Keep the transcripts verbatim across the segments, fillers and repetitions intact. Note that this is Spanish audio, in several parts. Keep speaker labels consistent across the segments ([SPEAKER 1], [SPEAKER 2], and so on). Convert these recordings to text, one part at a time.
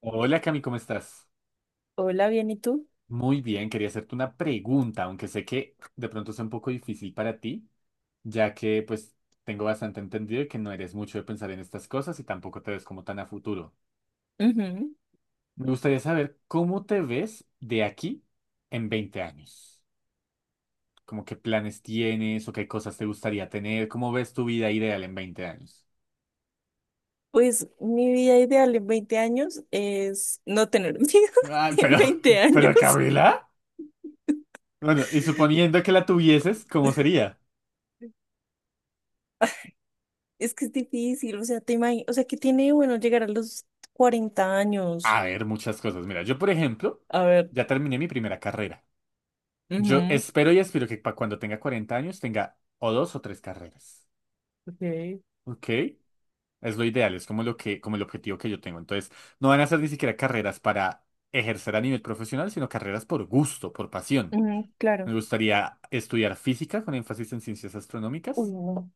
[SPEAKER 1] Hola Cami, ¿cómo estás?
[SPEAKER 2] Hola, bien, ¿y tú?
[SPEAKER 1] Muy bien, quería hacerte una pregunta, aunque sé que de pronto es un poco difícil para ti, ya que pues tengo bastante entendido que no eres mucho de pensar en estas cosas y tampoco te ves como tan a futuro.
[SPEAKER 2] Ujú.
[SPEAKER 1] Me gustaría saber cómo te ves de aquí en veinte años. Como qué planes tienes o qué cosas te gustaría tener, cómo ves tu vida ideal en veinte años.
[SPEAKER 2] Pues mi vida ideal en veinte años es no tener miedo
[SPEAKER 1] Ah,
[SPEAKER 2] en
[SPEAKER 1] pero,
[SPEAKER 2] veinte años.
[SPEAKER 1] pero Camila, bueno, y suponiendo que la tuvieses, ¿cómo sería?
[SPEAKER 2] Es que es difícil, o sea, te imagi- o sea, ¿qué tiene de bueno llegar a los cuarenta años?
[SPEAKER 1] A ver, muchas cosas. Mira, yo, por ejemplo,
[SPEAKER 2] A ver.
[SPEAKER 1] ya terminé mi primera carrera. Yo
[SPEAKER 2] Ujú,
[SPEAKER 1] espero y aspiro que pa- cuando tenga cuarenta años tenga o dos o tres carreras.
[SPEAKER 2] ok,
[SPEAKER 1] ¿Ok? Es lo ideal, es como lo que, como el objetivo que yo tengo. Entonces, no van a ser ni siquiera carreras para ejercer a nivel profesional, sino carreras por gusto, por pasión.
[SPEAKER 2] ujú,
[SPEAKER 1] Me
[SPEAKER 2] claro.
[SPEAKER 1] gustaría estudiar física con énfasis en ciencias
[SPEAKER 2] Uy,
[SPEAKER 1] astronómicas
[SPEAKER 2] no.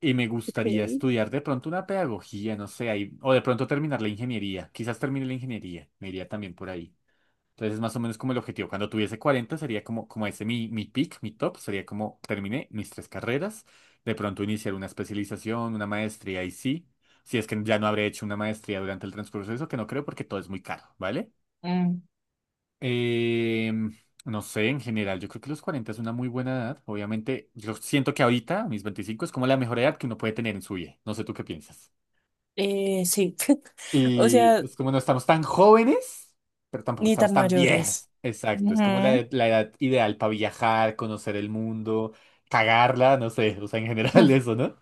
[SPEAKER 1] y me
[SPEAKER 2] Ok.
[SPEAKER 1] gustaría estudiar de pronto una pedagogía, no sé, ahí- o de pronto terminar la ingeniería. Quizás termine la ingeniería, me iría también por ahí. Entonces es más o menos como el objetivo. Cuando tuviese cuarenta sería como, como ese mi, mi peak, mi top, sería como terminé mis tres carreras, de pronto iniciar una especialización, una maestría y sí, si es que ya no habré hecho una maestría durante el transcurso de eso, que no creo porque todo es muy caro, ¿vale?
[SPEAKER 2] Mm,
[SPEAKER 1] Em, no sé, en general, yo creo que los cuarenta es una muy buena edad. Obviamente, yo siento que ahorita, a mis veinticinco es como la mejor edad que uno puede tener en su vida. No sé tú qué piensas.
[SPEAKER 2] eh, sí. O
[SPEAKER 1] Y
[SPEAKER 2] sea,
[SPEAKER 1] es como no estamos tan jóvenes, pero tampoco
[SPEAKER 2] ni
[SPEAKER 1] estamos
[SPEAKER 2] tan
[SPEAKER 1] tan
[SPEAKER 2] mayores.
[SPEAKER 1] viejos. Exacto, es como
[SPEAKER 2] Ujú.
[SPEAKER 1] la, la edad ideal para viajar, conocer el mundo, cagarla, no sé, o sea, en general eso, ¿no?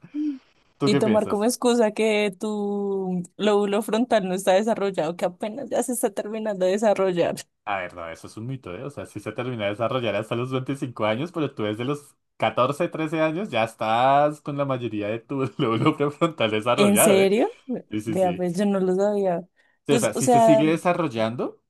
[SPEAKER 1] ¿Tú
[SPEAKER 2] Y
[SPEAKER 1] qué
[SPEAKER 2] tomar como
[SPEAKER 1] piensas?
[SPEAKER 2] excusa que tu lóbulo frontal no está desarrollado, que apenas ya se está terminando de desarrollar.
[SPEAKER 1] A ver, no, eso es un mito, ¿eh? O sea, sí se termina de desarrollar hasta los veinticinco años, pero tú desde los catorce trece años ya estás con la mayoría de tu lóbulo prefrontal
[SPEAKER 2] ¿En
[SPEAKER 1] desarrollado, ¿eh?
[SPEAKER 2] serio?
[SPEAKER 1] Sí, sí,
[SPEAKER 2] Vea,
[SPEAKER 1] sí.
[SPEAKER 2] pues yo no lo sabía.
[SPEAKER 1] Sí, o
[SPEAKER 2] Pues,
[SPEAKER 1] sea,
[SPEAKER 2] o
[SPEAKER 1] sí se
[SPEAKER 2] sea,
[SPEAKER 1] sigue desarrollando,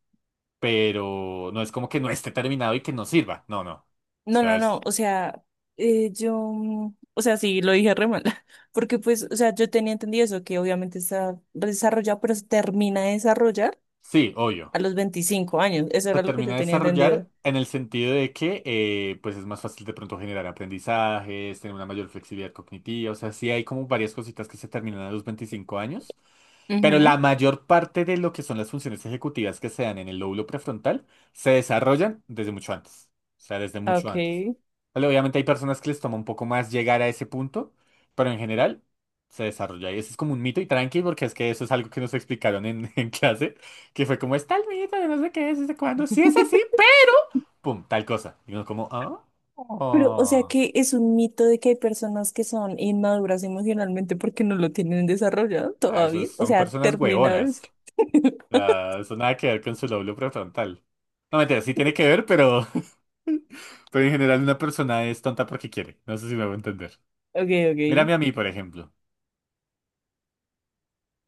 [SPEAKER 1] pero no es como que no esté terminado y que no sirva. No, no. O
[SPEAKER 2] no,
[SPEAKER 1] sea,
[SPEAKER 2] no, no,
[SPEAKER 1] es.
[SPEAKER 2] o sea, eh, yo, mm, o sea, sí, lo dije re mal, porque pues, o sea, yo tenía entendido eso, que obviamente está desarrollado, pero se termina de desarrollar
[SPEAKER 1] Sí,
[SPEAKER 2] a
[SPEAKER 1] obvio.
[SPEAKER 2] los veinticinco años, eso
[SPEAKER 1] Se
[SPEAKER 2] era lo que
[SPEAKER 1] termina
[SPEAKER 2] yo
[SPEAKER 1] de
[SPEAKER 2] tenía
[SPEAKER 1] desarrollar
[SPEAKER 2] entendido.
[SPEAKER 1] en el sentido de que eh, pues es más fácil de pronto generar aprendizajes, tener una mayor flexibilidad cognitiva, o sea, sí hay como varias cositas que se terminan a los veinticinco años, pero la
[SPEAKER 2] Ujú.
[SPEAKER 1] mayor parte de lo que son las funciones ejecutivas que se dan en el lóbulo prefrontal se desarrollan desde mucho antes. O sea, desde mucho
[SPEAKER 2] Ok.
[SPEAKER 1] antes. Vale, obviamente hay personas que les toma un poco más llegar a ese punto, pero en general se desarrolla. Y eso es como un mito y tranqui, porque es que eso es algo que nos explicaron en, en clase, que fue como, está el mito de no sé qué es, desde cuándo. Si es así, pe- pum, tal cosa. Y uno como, ah,
[SPEAKER 2] Pero, o sea
[SPEAKER 1] oh.
[SPEAKER 2] que es un mito de que hay personas que son inmaduras emocionalmente porque no lo tienen desarrollado
[SPEAKER 1] Ah, esos
[SPEAKER 2] todavía. O
[SPEAKER 1] son
[SPEAKER 2] sea,
[SPEAKER 1] personas
[SPEAKER 2] termina de
[SPEAKER 1] huevonas.
[SPEAKER 2] decir.
[SPEAKER 1] O sea, eso nada que ver con su lóbulo prefrontal. No, mentira, sí tiene que ver, pero Pero en general una persona es tonta porque quiere. No sé si me voy a entender.
[SPEAKER 2] Ok, ok.
[SPEAKER 1] Mírame a mí, por ejemplo.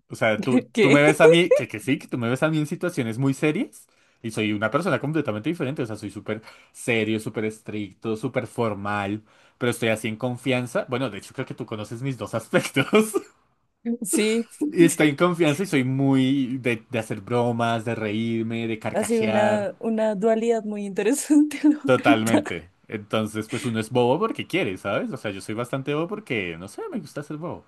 [SPEAKER 1] O sea, tú, tú me
[SPEAKER 2] ¿Qué?
[SPEAKER 1] ves a mí, que, que sí, que tú me ves a mí en situaciones muy serias y soy una persona completamente diferente. O sea, soy súper serio, súper estricto, súper formal, pero estoy así en confianza. Bueno, de hecho creo que tú conoces mis dos aspectos.
[SPEAKER 2] Sí,
[SPEAKER 1] Y estoy en confianza y soy muy de, de hacer bromas, de reírme, de
[SPEAKER 2] ha sido
[SPEAKER 1] carcajear.
[SPEAKER 2] una, una dualidad muy interesante, la verdad.
[SPEAKER 1] Totalmente. Entonces, pues uno es bobo porque quiere, ¿sabes? O sea, yo soy bastante bobo porque, no sé, me gusta ser bobo.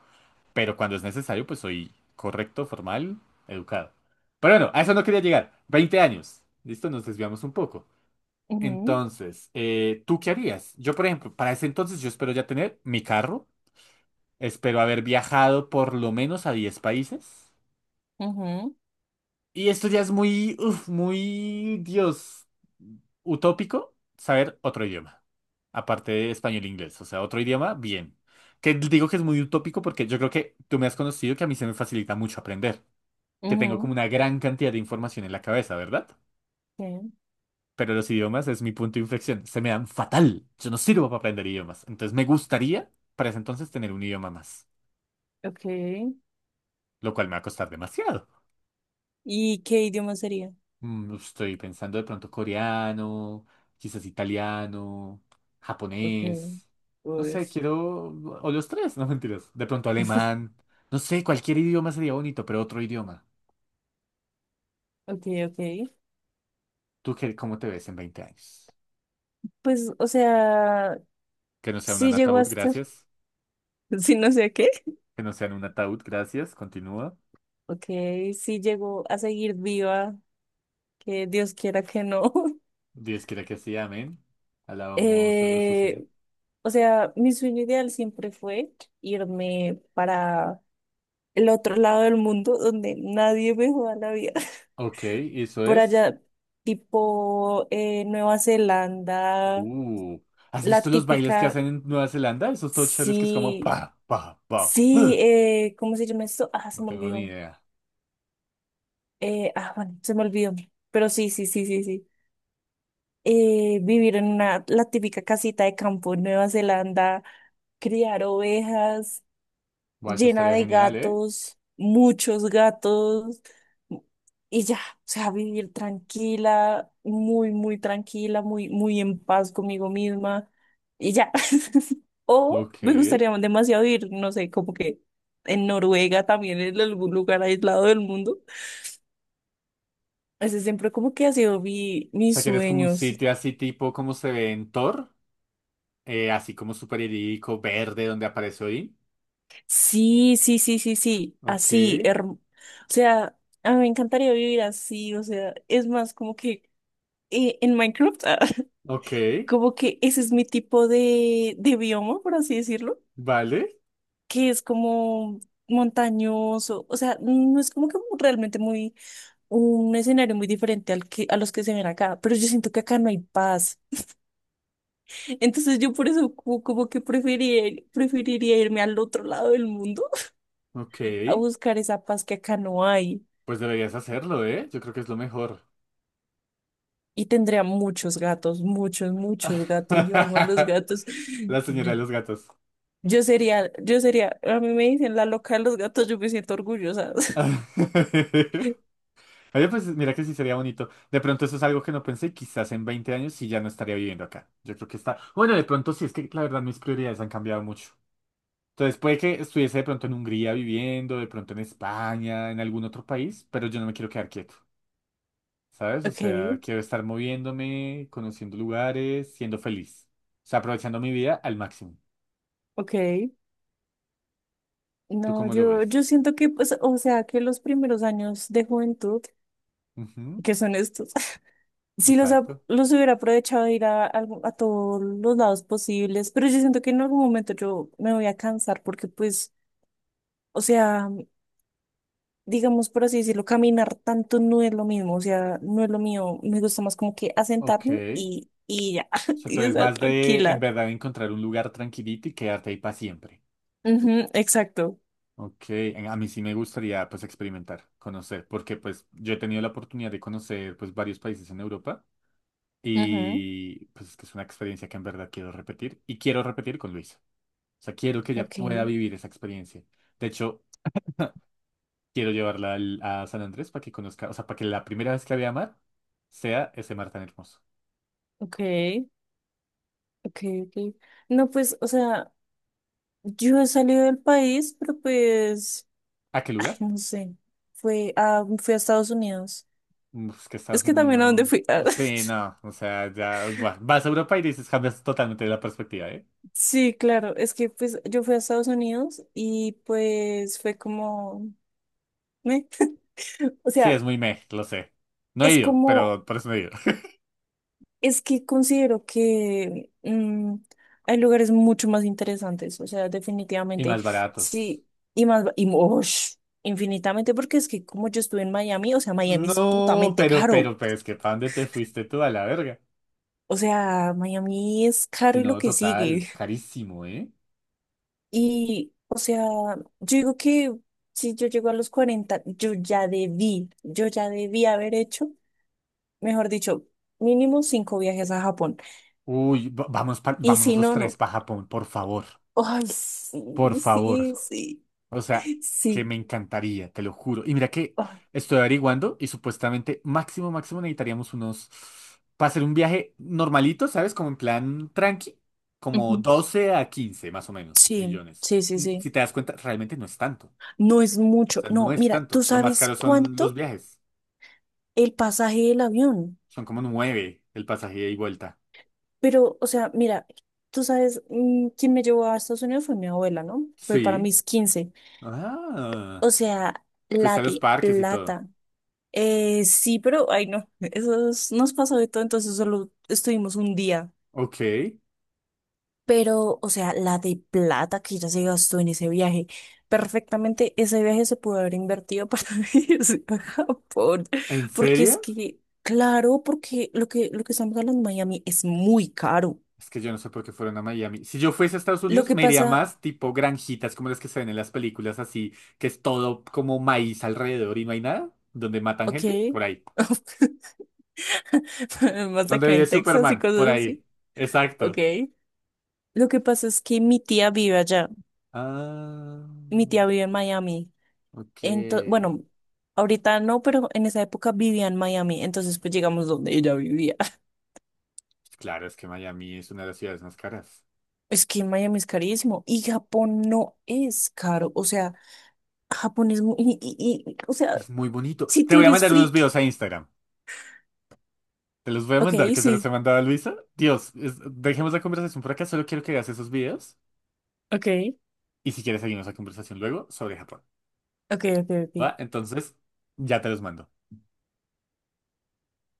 [SPEAKER 1] Pero cuando es necesario, pues soy correcto, formal, educado. Pero bueno, a eso no quería llegar. Veinte años. Listo, nos desviamos un poco.
[SPEAKER 2] Ujú,
[SPEAKER 1] Entonces, eh, ¿tú qué harías? Yo, por ejemplo, para ese entonces yo espero ya tener mi carro, espero haber viajado por lo menos a diez países.
[SPEAKER 2] ujú,
[SPEAKER 1] Y esto ya es muy, uf, muy, Dios, utópico, saber otro idioma. Aparte de español e inglés, o sea, otro idioma, bien. Que digo que es muy utópico porque yo creo que tú me has conocido que a mí se me facilita mucho aprender. Que tengo
[SPEAKER 2] ujú.
[SPEAKER 1] como una gran cantidad de información en la cabeza, ¿verdad?
[SPEAKER 2] Sí,
[SPEAKER 1] Pero los idiomas es mi punto de inflexión. Se me dan fatal. Yo no sirvo para aprender idiomas. Entonces me gustaría para ese entonces tener un idioma más,
[SPEAKER 2] ok.
[SPEAKER 1] lo cual me va a costar demasiado.
[SPEAKER 2] ¿Y qué idioma sería?
[SPEAKER 1] Mm, Estoy pensando de pronto coreano, quizás italiano,
[SPEAKER 2] Ok,
[SPEAKER 1] japonés. No sé,
[SPEAKER 2] pues,
[SPEAKER 1] quiero... O los tres, no mentiras. De pronto alemán. No sé, cualquier idioma sería bonito, pero otro idioma.
[SPEAKER 2] ok, ok.
[SPEAKER 1] ¿Tú qué, cómo te ves en veinte años?
[SPEAKER 2] Pues, o sea,
[SPEAKER 1] Que no sea un
[SPEAKER 2] sí llegó a
[SPEAKER 1] ataúd,
[SPEAKER 2] estar,
[SPEAKER 1] gracias.
[SPEAKER 2] sí no sé a qué.
[SPEAKER 1] Que no sea en un ataúd, gracias. Continúa.
[SPEAKER 2] Ok, sí llegó a seguir viva, que Dios quiera que no.
[SPEAKER 1] Dios quiera que sí, amén. Alabamos a nuestro
[SPEAKER 2] Eh,
[SPEAKER 1] Señor.
[SPEAKER 2] o sea, mi sueño ideal siempre fue irme para el otro lado del mundo donde nadie me joda la vida.
[SPEAKER 1] Ok, eso
[SPEAKER 2] Por
[SPEAKER 1] es.
[SPEAKER 2] allá, tipo eh, Nueva Zelanda,
[SPEAKER 1] Uh, ¿has
[SPEAKER 2] la
[SPEAKER 1] visto los bailes que
[SPEAKER 2] típica,
[SPEAKER 1] hacen en Nueva Zelanda? Esos todos chéveres que es como
[SPEAKER 2] sí.
[SPEAKER 1] pa, pa, pa.
[SPEAKER 2] Sí, eh, ¿cómo se llama esto? Ah, se
[SPEAKER 1] No
[SPEAKER 2] me
[SPEAKER 1] tengo ni
[SPEAKER 2] olvidó.
[SPEAKER 1] idea.
[SPEAKER 2] Eh, ah, bueno, se me olvidó. Pero sí, sí, sí, sí, sí. Eh, vivir en una, la típica casita de campo en Nueva Zelanda, criar ovejas,
[SPEAKER 1] Buah, eso
[SPEAKER 2] llena
[SPEAKER 1] estaría
[SPEAKER 2] de
[SPEAKER 1] genial, ¿eh?
[SPEAKER 2] gatos, muchos gatos, y ya, o sea, vivir tranquila, muy, muy tranquila, muy, muy en paz conmigo misma, y ya. O
[SPEAKER 1] Ok.
[SPEAKER 2] me
[SPEAKER 1] O
[SPEAKER 2] gustaría demasiado ir, no sé, como que en Noruega también, en algún lugar aislado del mundo. Ese siempre como que ha sido mi, mis
[SPEAKER 1] sea, que eres como un
[SPEAKER 2] sueños.
[SPEAKER 1] sitio así tipo como se ve en Thor, eh, así como super idílico, verde, donde aparece Odín.
[SPEAKER 2] Sí, sí, sí, sí, sí,
[SPEAKER 1] Ok,
[SPEAKER 2] así, herm- o sea, a mí me encantaría vivir así, o sea, es más como que eh, en Minecraft, ah,
[SPEAKER 1] ok,
[SPEAKER 2] como que ese es mi tipo de, de bioma, por así decirlo,
[SPEAKER 1] vale,
[SPEAKER 2] que es como montañoso, o sea, no es como que realmente muy un escenario muy diferente al que, a los que se ven acá, pero yo siento que acá no hay paz. Entonces yo por eso como, como, que preferiría, preferiría irme al otro lado del mundo
[SPEAKER 1] ok.
[SPEAKER 2] a buscar esa paz que acá no hay.
[SPEAKER 1] Pues deberías hacerlo, ¿eh? Yo creo que es lo mejor.
[SPEAKER 2] Y tendría muchos gatos, muchos, muchos gatos. Yo amo a los gatos.
[SPEAKER 1] La señora de los gatos.
[SPEAKER 2] Yo sería, yo sería, a mí me dicen la loca de los gatos, yo me siento orgullosa.
[SPEAKER 1] Oye, pues mira que sí sería bonito. De pronto eso es algo que no pensé, quizás en veinte años sí ya no estaría viviendo acá. Yo creo que está... Bueno, de pronto sí, es que la verdad mis prioridades han cambiado mucho. Entonces puede que estuviese de pronto en Hungría viviendo, de pronto en España, en algún otro país, pero yo no me quiero quedar quieto, ¿sabes? O
[SPEAKER 2] Ok,
[SPEAKER 1] sea, quiero estar moviéndome, conociendo lugares, siendo feliz. O sea, aprovechando mi vida al máximo.
[SPEAKER 2] ok.
[SPEAKER 1] ¿Tú
[SPEAKER 2] No,
[SPEAKER 1] cómo lo
[SPEAKER 2] yo,
[SPEAKER 1] ves?
[SPEAKER 2] yo siento que, pues, o sea, que los primeros años de juventud,
[SPEAKER 1] Ujú,
[SPEAKER 2] que son estos, sí los, ap-
[SPEAKER 1] exacto.
[SPEAKER 2] los hubiera aprovechado de ir a, algo- a todos los lados posibles, pero yo siento que en algún momento yo me voy a cansar porque, pues, o sea, digamos por así decirlo, caminar tanto no es lo mismo, o sea, no es lo mío, me gusta más como que
[SPEAKER 1] Ok.
[SPEAKER 2] asentarme y, y ya,
[SPEAKER 1] O sea, tú
[SPEAKER 2] y
[SPEAKER 1] eres
[SPEAKER 2] estar
[SPEAKER 1] más de en
[SPEAKER 2] tranquila.
[SPEAKER 1] verdad encontrar un lugar tranquilito y quedarte ahí para siempre.
[SPEAKER 2] Ujú, exacto.
[SPEAKER 1] Ok, en- a mí sí me gustaría pues experimentar, conocer, porque pues yo he tenido la oportunidad de conocer pues varios países en Europa
[SPEAKER 2] Ujú,
[SPEAKER 1] y pues es que es una experiencia que en verdad quiero repetir y quiero repetir con Luisa. O sea, quiero que ella
[SPEAKER 2] ok,
[SPEAKER 1] pueda vivir esa experiencia. De hecho, quiero llevarla al- a San Andrés para que conozca, o sea, para que la primera vez que la vea mar sea ese mar tan hermoso.
[SPEAKER 2] ok, ok, ok. No, pues, o sea, yo he salido del país, pero pues,
[SPEAKER 1] ¿A qué lugar?
[SPEAKER 2] no sé, fue a, fui a Estados Unidos.
[SPEAKER 1] Es que
[SPEAKER 2] Es
[SPEAKER 1] Estados
[SPEAKER 2] que también a dónde
[SPEAKER 1] Unidos.
[SPEAKER 2] fui. Ah,
[SPEAKER 1] Sí, no. O sea, ya. Buah, vas a Europa y dices, cambias totalmente la perspectiva, ¿eh?
[SPEAKER 2] sí, claro, es que pues yo fui a Estados Unidos y pues fue como, ¿me? O
[SPEAKER 1] Sí, es
[SPEAKER 2] sea,
[SPEAKER 1] muy meh, lo sé. No he
[SPEAKER 2] es
[SPEAKER 1] ido,
[SPEAKER 2] como
[SPEAKER 1] pero por eso no he ido.
[SPEAKER 2] Es que considero que mm, hay lugares mucho más interesantes, o sea,
[SPEAKER 1] Y
[SPEAKER 2] definitivamente,
[SPEAKER 1] más baratos.
[SPEAKER 2] sí, y más, y mosh, infinitamente, porque es que como yo estuve en Miami, o sea, Miami es
[SPEAKER 1] No,
[SPEAKER 2] putamente
[SPEAKER 1] pero,
[SPEAKER 2] caro,
[SPEAKER 1] pero, pero es que ¿para dónde te fuiste tú a la verga?
[SPEAKER 2] o sea, Miami es caro
[SPEAKER 1] Si
[SPEAKER 2] y lo
[SPEAKER 1] no,
[SPEAKER 2] que
[SPEAKER 1] total,
[SPEAKER 2] sigue,
[SPEAKER 1] carísimo, ¿eh?
[SPEAKER 2] y, o sea, yo digo que si yo llego a los cuarenta, yo ya debí, yo ya debí haber hecho, mejor dicho, mínimo cinco viajes a Japón,
[SPEAKER 1] Uy, va- vamos pa-
[SPEAKER 2] y
[SPEAKER 1] vámonos
[SPEAKER 2] si
[SPEAKER 1] los
[SPEAKER 2] no,
[SPEAKER 1] tres
[SPEAKER 2] no.
[SPEAKER 1] para Japón, por favor.
[SPEAKER 2] Ay,
[SPEAKER 1] Por
[SPEAKER 2] sí,
[SPEAKER 1] favor.
[SPEAKER 2] sí, sí.
[SPEAKER 1] O sea, que
[SPEAKER 2] Sí.
[SPEAKER 1] me encantaría, te lo juro. Y mira que
[SPEAKER 2] Ay.
[SPEAKER 1] estoy averiguando y supuestamente máximo, máximo necesitaríamos unos, para hacer un viaje normalito, ¿sabes? Como en plan tranqui, como
[SPEAKER 2] Ujú.
[SPEAKER 1] doce a quince más o menos
[SPEAKER 2] Sí,
[SPEAKER 1] millones.
[SPEAKER 2] sí, sí,
[SPEAKER 1] Mm,
[SPEAKER 2] sí.
[SPEAKER 1] Si te das cuenta, realmente no es tanto. O
[SPEAKER 2] No es mucho.
[SPEAKER 1] sea, no
[SPEAKER 2] No,
[SPEAKER 1] es
[SPEAKER 2] mira, tú
[SPEAKER 1] tanto. Lo más
[SPEAKER 2] sabes
[SPEAKER 1] caro son los
[SPEAKER 2] cuánto
[SPEAKER 1] viajes.
[SPEAKER 2] el pasaje del avión.
[SPEAKER 1] Son como nueve el pasaje ida y vuelta.
[SPEAKER 2] Pero, o sea, mira, tú sabes, mm, quien me llevó a Estados Unidos fue mi abuela, ¿no? Fue para
[SPEAKER 1] Sí.
[SPEAKER 2] mis quince.
[SPEAKER 1] Ah,
[SPEAKER 2] O sea,
[SPEAKER 1] fuiste
[SPEAKER 2] la
[SPEAKER 1] a los
[SPEAKER 2] de
[SPEAKER 1] parques y todo.
[SPEAKER 2] plata. Eh, sí, pero, ay, no, eso es- nos pasó de todo, entonces solo estuvimos un día.
[SPEAKER 1] Ok.
[SPEAKER 2] Pero, o sea, la de plata que ya se gastó en ese viaje, perfectamente ese viaje se pudo haber invertido para irse a Japón,
[SPEAKER 1] ¿En
[SPEAKER 2] porque es
[SPEAKER 1] serio?
[SPEAKER 2] que, claro, porque lo que, lo que estamos hablando en Miami es muy caro.
[SPEAKER 1] Es que yo no sé por qué fueron a Miami. Si yo fuese a Estados
[SPEAKER 2] Lo
[SPEAKER 1] Unidos,
[SPEAKER 2] que
[SPEAKER 1] me iría
[SPEAKER 2] pasa,
[SPEAKER 1] más tipo granjitas como las que se ven en las películas, así, que es todo como maíz alrededor y no hay nada, donde matan
[SPEAKER 2] ok,
[SPEAKER 1] gente, por ahí.
[SPEAKER 2] más
[SPEAKER 1] Donde
[SPEAKER 2] acá
[SPEAKER 1] vive
[SPEAKER 2] en Texas y
[SPEAKER 1] Superman, por
[SPEAKER 2] cosas
[SPEAKER 1] ahí.
[SPEAKER 2] así, ok.
[SPEAKER 1] Exacto.
[SPEAKER 2] Lo que pasa es que mi tía vive allá,
[SPEAKER 1] Ah,
[SPEAKER 2] mi tía vive en Miami,
[SPEAKER 1] ok.
[SPEAKER 2] entonces, bueno, ahorita no, pero en esa época vivía en Miami, entonces pues llegamos donde ella vivía.
[SPEAKER 1] Claro, es que Miami es una de las ciudades más caras.
[SPEAKER 2] Es que Miami es carísimo y Japón no es caro. O sea, Japón es muy... Y, y- y- o sea,
[SPEAKER 1] Es muy bonito.
[SPEAKER 2] si
[SPEAKER 1] Te
[SPEAKER 2] tú
[SPEAKER 1] voy a
[SPEAKER 2] eres
[SPEAKER 1] mandar unos
[SPEAKER 2] friki,
[SPEAKER 1] videos a Instagram. Te los voy a
[SPEAKER 2] ok,
[SPEAKER 1] mandar, que se los he
[SPEAKER 2] sí,
[SPEAKER 1] mandado a Luisa. Dios, es- dejemos la conversación por acá, solo quiero que hagas esos videos.
[SPEAKER 2] ok,
[SPEAKER 1] Y si quieres, seguimos la conversación luego sobre Japón.
[SPEAKER 2] ok, ok,
[SPEAKER 1] ¿Va?
[SPEAKER 2] ok.
[SPEAKER 1] Entonces, ya te los mando.